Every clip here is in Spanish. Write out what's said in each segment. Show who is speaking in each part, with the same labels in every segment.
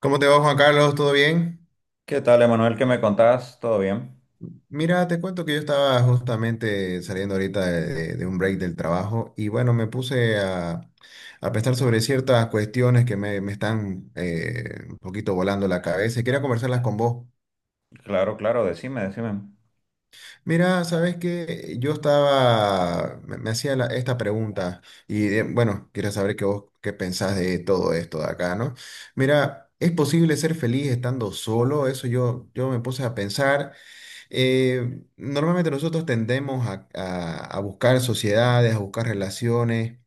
Speaker 1: ¿Cómo te va, Juan Carlos? ¿Todo bien?
Speaker 2: ¿Qué tal, Emanuel? ¿Qué me contás? ¿Todo bien?
Speaker 1: Mira, te cuento que yo estaba justamente saliendo ahorita de un break del trabajo y bueno, me puse a pensar sobre ciertas cuestiones que me están un poquito volando la cabeza y quería conversarlas con vos.
Speaker 2: Claro, claro, decime, decime.
Speaker 1: Mira, sabes que yo estaba, esta pregunta y bueno, quería saber qué vos qué pensás de todo esto de acá, ¿no? Mira, ¿es posible ser feliz estando solo? Eso yo me puse a pensar. Normalmente nosotros tendemos a buscar sociedades, a buscar relaciones,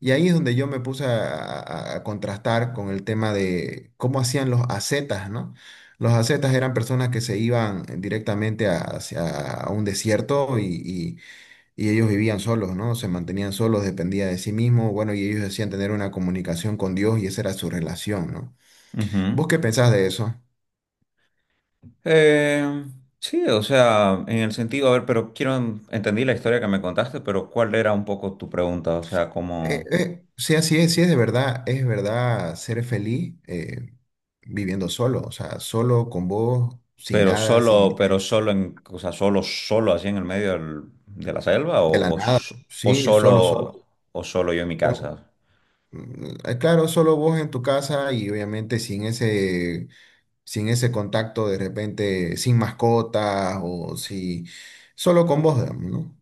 Speaker 1: y ahí es donde yo me puse a contrastar con el tema de cómo hacían los ascetas, ¿no? Los ascetas eran personas que se iban directamente hacia a un desierto y ellos vivían solos, ¿no? Se mantenían solos, dependía de sí mismo, bueno, y ellos decían tener una comunicación con Dios y esa era su relación, ¿no?
Speaker 2: Ujú.
Speaker 1: ¿Vos qué pensás de eso?
Speaker 2: Eh, sí, o sea, en el sentido, a ver, pero quiero, entendí la historia que me contaste, pero ¿cuál era un poco tu pregunta? O sea, como.
Speaker 1: Sí, así es, sí es de verdad, es verdad ser feliz viviendo solo, o sea, solo con vos, sin
Speaker 2: pero
Speaker 1: nada,
Speaker 2: solo,
Speaker 1: sin
Speaker 2: pero solo en, o sea, solo así en el medio de la selva
Speaker 1: de la nada,
Speaker 2: o
Speaker 1: sí, solo, solo.
Speaker 2: solo, o solo yo en mi
Speaker 1: Como,
Speaker 2: casa?
Speaker 1: claro, solo vos en tu casa y obviamente sin ese, sin ese contacto de repente, sin mascotas o si, solo con vos, digamos, ¿no?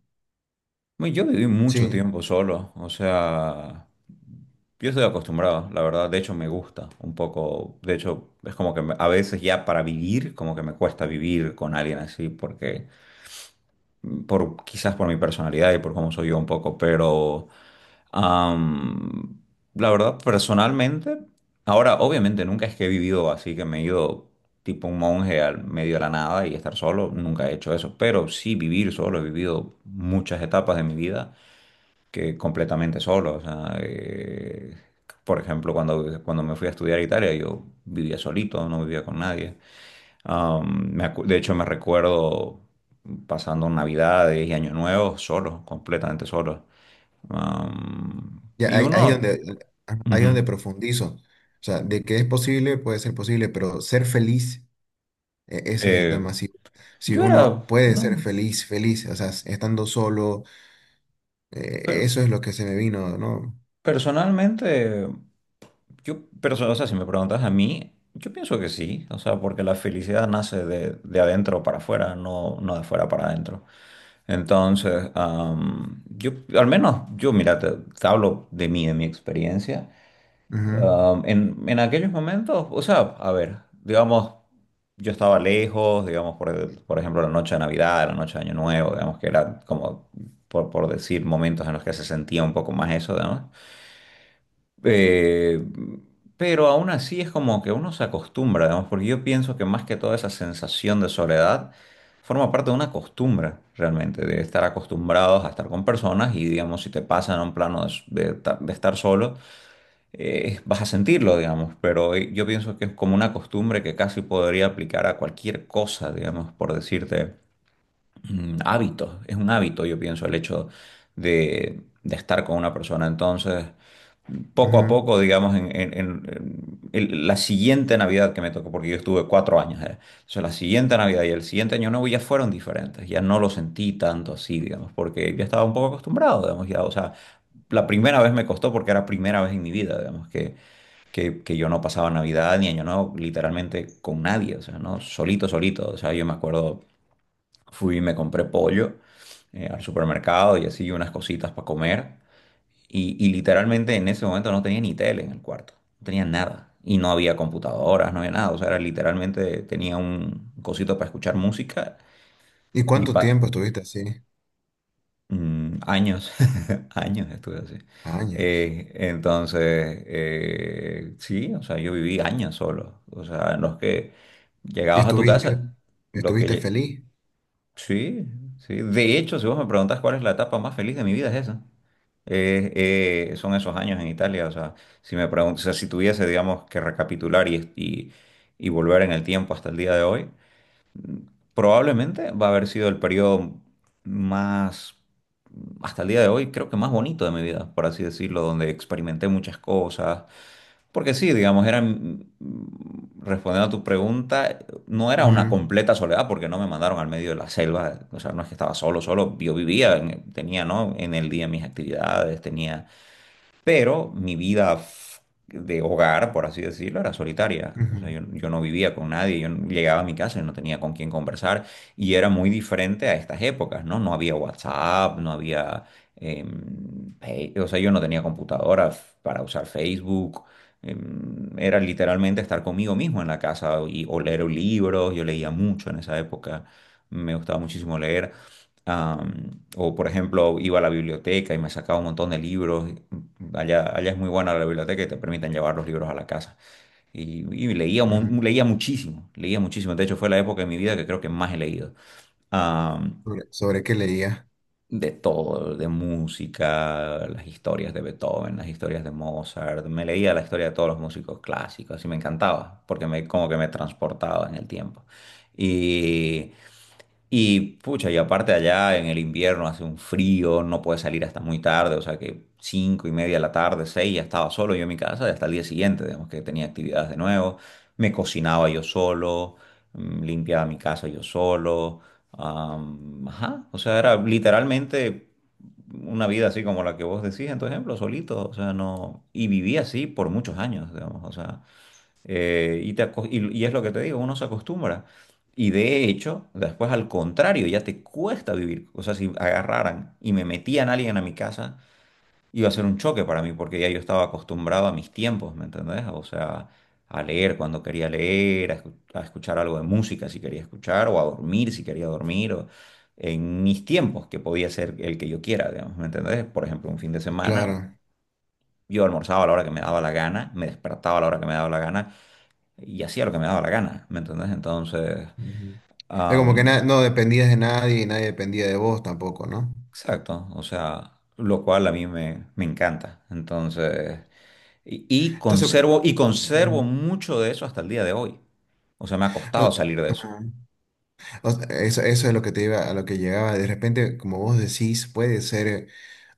Speaker 2: Bueno, yo viví mucho
Speaker 1: Sí,
Speaker 2: tiempo solo, o sea, yo estoy acostumbrado, la verdad, de hecho me gusta un poco, de hecho es como que a veces ya para vivir, como que me cuesta vivir con alguien así, porque por, quizás por mi personalidad y por cómo soy yo un poco, pero am, la verdad, personalmente, ahora obviamente nunca es que he vivido así, que me he ido tipo un monje al medio de la nada y estar solo, nunca he hecho eso, pero sí vivir solo, he vivido muchas etapas de mi vida que completamente solo. O sea, por ejemplo, cuando me fui a estudiar a Italia, yo vivía solito, no vivía con nadie. De hecho, me recuerdo pasando Navidades y Año Nuevo solo, completamente solo.
Speaker 1: ya
Speaker 2: Y uno,
Speaker 1: ahí
Speaker 2: ujú,
Speaker 1: donde profundizo, o sea, de que es posible, puede ser posible, pero ser feliz. E- Ese es el
Speaker 2: eh,
Speaker 1: tema. Si, si
Speaker 2: yo era,
Speaker 1: uno puede ser
Speaker 2: no,
Speaker 1: feliz, feliz, o sea, s- estando solo, eso es lo que se me vino, no.
Speaker 2: personalmente, yo, o sea, si me preguntas a mí, yo pienso que sí, o sea, porque la felicidad nace de adentro para afuera, no de afuera para adentro. Entonces, yo, al menos, yo, mira, te hablo de mí, de mi experiencia.
Speaker 1: Ujú,
Speaker 2: En aquellos momentos, o sea, a ver, digamos, yo estaba lejos, digamos, por, por ejemplo, la noche de Navidad, la noche de Año Nuevo, digamos, que era como, por decir, momentos en los que se sentía un poco más eso, ¿no? Eh, pero aún así es como que uno se acostumbra, digamos, porque yo pienso que más que toda esa sensación de soledad forma parte de una costumbre realmente, de estar acostumbrados a estar con personas y, digamos, si te pasan a un plano de, s- de ta- de estar solo, vas a sentirlo, digamos, pero yo pienso que es como una costumbre que casi podría aplicar a cualquier cosa, digamos, por decirte, hábitos, es un hábito, yo pienso, el hecho de estar con una persona, entonces poco a
Speaker 1: ujú.
Speaker 2: poco, digamos, la siguiente Navidad que me tocó, porque yo estuve 4 años allá. Entonces, la siguiente Navidad y el siguiente Año Nuevo ya fueron diferentes, ya no lo sentí tanto así, digamos, porque ya estaba un poco acostumbrado, digamos, ya, o sea, la primera vez me costó porque era primera vez en mi vida, digamos, que yo no pasaba Navidad ni Año Nuevo literalmente con nadie, o sea, ¿no? Solito, solito, o sea, yo me acuerdo, fui y me compré pollo al supermercado y así unas cositas para comer. Y literalmente en ese momento no tenía ni tele en el cuarto, no tenía nada. Y no había computadoras, no había nada. O sea, era literalmente tenía un cosito para escuchar música
Speaker 1: ¿Y
Speaker 2: y
Speaker 1: cuánto tiempo
Speaker 2: pa
Speaker 1: estuviste así?
Speaker 2: años, años estuve así.
Speaker 1: Años.
Speaker 2: Entonces, sí, o sea, yo viví años solo. O sea, en los que
Speaker 1: ¿Y
Speaker 2: llegabas a tu
Speaker 1: estuviste,
Speaker 2: casa. lo que,
Speaker 1: estuviste
Speaker 2: lle-
Speaker 1: feliz?
Speaker 2: Sí, sí. De hecho, si vos me preguntás cuál es la etapa más feliz de mi vida, es esa. Eh, Son esos años en Italia. O sea, si me preguntas, o sea, si tuviese, digamos, que recapitular y volver en el tiempo hasta el día de hoy, probablemente va a haber sido el periodo más, hasta el día de hoy, creo que más bonito de mi vida, por así decirlo, donde experimenté muchas cosas, porque sí, digamos, era, respondiendo a tu pregunta, no era una
Speaker 1: Ujú,
Speaker 2: completa soledad porque no me mandaron al medio de la selva, o sea, no es que estaba solo, solo, yo vivía, tenía, ¿no? En el día mis actividades, tenía. Pero mi vida de hogar, por así decirlo, era solitaria. O sea,
Speaker 1: ujú,
Speaker 2: yo no vivía con nadie, yo no- llegaba a mi casa y no tenía con quién conversar. Y era muy diferente a estas épocas, ¿no? No había WhatsApp, no había... O sea, yo no tenía computadora para usar Facebook. Era literalmente estar conmigo mismo en la casa y, o leer libros. Yo leía mucho en esa época. Me gustaba muchísimo leer. O por ejemplo, iba a la biblioteca y me sacaba un montón de libros. Allá, allá es muy buena la biblioteca y te permiten llevar los libros a la casa. Y leía,
Speaker 1: ujú.
Speaker 2: leía muchísimo, leía muchísimo. De hecho, fue la época de mi vida que creo que más he leído
Speaker 1: ¿Sobre, sobre qué leías?
Speaker 2: de todo, de música, las historias de Beethoven, las historias de Mozart. Me leía la historia de todos los músicos clásicos y me encantaba porque como que me transportaba en el tiempo. Y, y pucha, y aparte allá en el invierno hace un frío, no puedes salir hasta muy tarde, o sea que 5:30 de la tarde, seis, ya estaba solo yo en mi casa y hasta el día siguiente, digamos que tenía actividades de nuevo. Me cocinaba yo solo, limpiaba mi casa yo solo. Ajá, o sea, era literalmente una vida así como la que vos decís en tu ejemplo, solito, o sea, no, y viví así por muchos años, digamos, o sea, y es lo que te digo, uno se acostumbra, y de hecho, después al contrario, ya te cuesta vivir, o sea, si agarraran y me metían a alguien a mi casa, iba a ser un choque para mí porque ya yo estaba acostumbrado a mis tiempos, ¿me entendés? O sea, a leer cuando quería leer, a escuchar algo de música si quería escuchar, o a dormir si quería dormir, o en mis tiempos, que podía ser el que yo quiera, digamos, ¿me entendés? Por ejemplo, un fin de semana.
Speaker 1: Claro.
Speaker 2: Yo almorzaba a la hora que me daba la gana, me despertaba a la hora que me daba la gana y hacía lo que me daba la gana, ¿me entendés? Entonces,
Speaker 1: Ujú. Es como que
Speaker 2: am,
Speaker 1: na- no dependías de nadie y nadie dependía de vos tampoco, ¿no?
Speaker 2: exacto, o sea, lo cual a mí me encanta. Entonces, Y, y
Speaker 1: Entonces,
Speaker 2: conservo, y conservo mucho de eso hasta el día de hoy. O sea, me ha costado salir de eso.
Speaker 1: ujú. O sea, eso es lo que te iba, a lo que llegaba. De repente, como vos decís, puede ser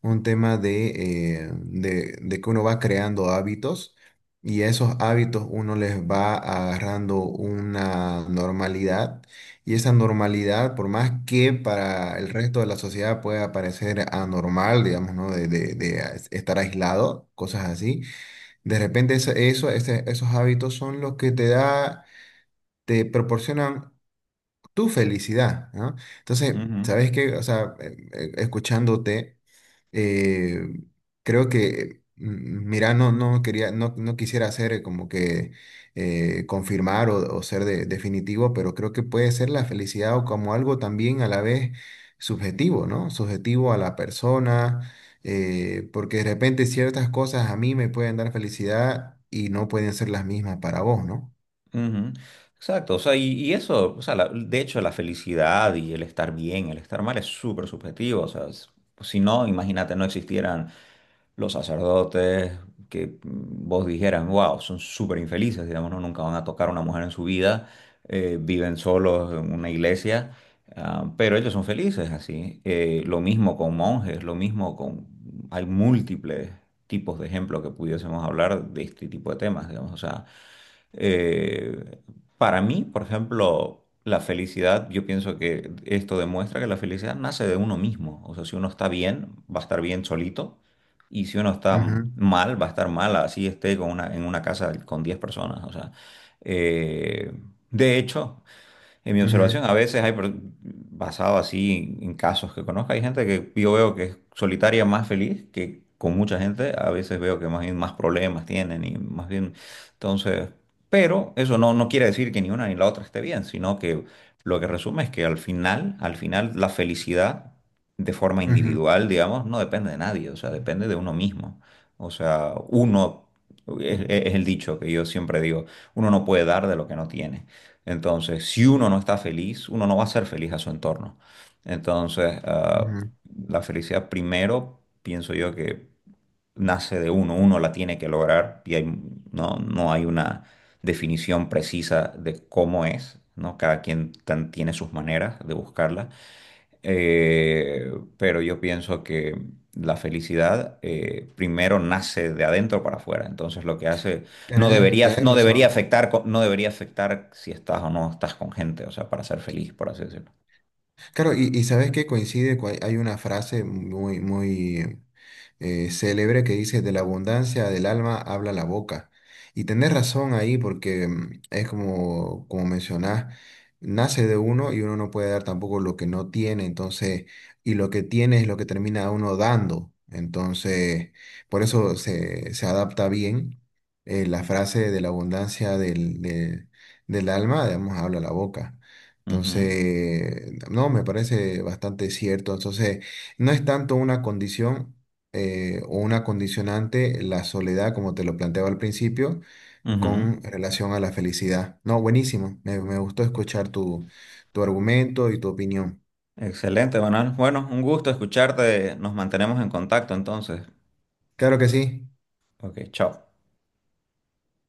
Speaker 1: un tema de que uno va creando hábitos y a esos hábitos uno les va agarrando una normalidad y esa normalidad, por más que para el resto de la sociedad pueda parecer anormal, digamos, ¿no? De, estar aislado, cosas así, de repente esos hábitos son los que te da, te proporcionan tu felicidad, ¿no? Entonces,
Speaker 2: Ujú.
Speaker 1: ¿sabes qué? O sea, escuchándote, eh, creo que, mira, no quería, no quisiera hacer como que confirmar o ser definitivo, pero creo que puede ser la felicidad o como algo también a la vez subjetivo, ¿no? Subjetivo a la persona, porque de repente ciertas cosas a mí me pueden dar felicidad y no pueden ser las mismas para vos, ¿no?
Speaker 2: Ujú. Exacto, o sea, y eso, o sea, de hecho la felicidad y el estar bien, el estar mal es súper subjetivo, o sea, pues, si no, imagínate, no existieran los sacerdotes que vos dijeras, wow, son súper infelices, digamos, no, nunca van a tocar a una mujer en su vida, viven solos en una iglesia, ah, pero ellos son felices así. Lo mismo con monjes, lo mismo con... Hay múltiples tipos de ejemplos que pudiésemos hablar de este tipo de temas, digamos, o sea... Eh, para mí, por ejemplo, la felicidad, yo pienso que esto demuestra que la felicidad nace de uno mismo. O sea, si uno está bien, va a estar bien solito. Y si uno está
Speaker 1: Ujú,
Speaker 2: mal, va a estar mal, así esté con en una casa con 10 personas. O sea, eh, de hecho, en mi observación,
Speaker 1: ujú,
Speaker 2: a veces basado así casos que conozco, hay gente que yo veo que es solitaria más feliz que con mucha gente. A veces veo que más bien más problemas tienen y más bien, entonces, pero eso no quiere decir que ni una ni la otra esté bien, sino que lo que resume es que al final la felicidad de forma
Speaker 1: ujú,
Speaker 2: individual, digamos, no depende de nadie, o sea, depende de uno mismo. O sea, uno, es el dicho que yo siempre digo, uno no puede dar de lo que no tiene. Entonces, si uno no está feliz, uno no va a ser feliz a su entorno. Entonces,
Speaker 1: ujú.
Speaker 2: la felicidad primero, pienso yo que nace de uno, uno la tiene que lograr y no hay una definición precisa de cómo es, ¿no? Cada quien tiene sus maneras de buscarla. Eh, pero yo pienso que la felicidad primero nace de adentro para afuera. Entonces lo que hace
Speaker 1: Tenés, tenés razón.
Speaker 2: no debería afectar si estás o no estás con gente, o sea, para ser feliz, por así decirlo.
Speaker 1: Claro, y sabes que coincide, con- hay una frase muy, muy célebre que dice, de la abundancia del alma habla la boca. Y tenés razón ahí porque es como, como mencionás, nace de uno y uno no puede dar tampoco lo que no tiene, entonces, y lo que tiene es lo que termina uno dando. Entonces, por eso se, se adapta bien la frase de la abundancia del alma, digamos, habla la boca.
Speaker 2: Ujú,
Speaker 1: Entonces, no, me parece bastante cierto. Entonces, no es tanto una condición o una condicionante la soledad, como te lo planteaba al principio,
Speaker 2: ujú.
Speaker 1: con relación a la felicidad. No, buenísimo. Me gustó escuchar tu, tu argumento y tu opinión.
Speaker 2: Excelente, Manuel. Bueno, un gusto escucharte. Nos mantenemos en contacto entonces.
Speaker 1: Claro que sí.
Speaker 2: Ok, chao.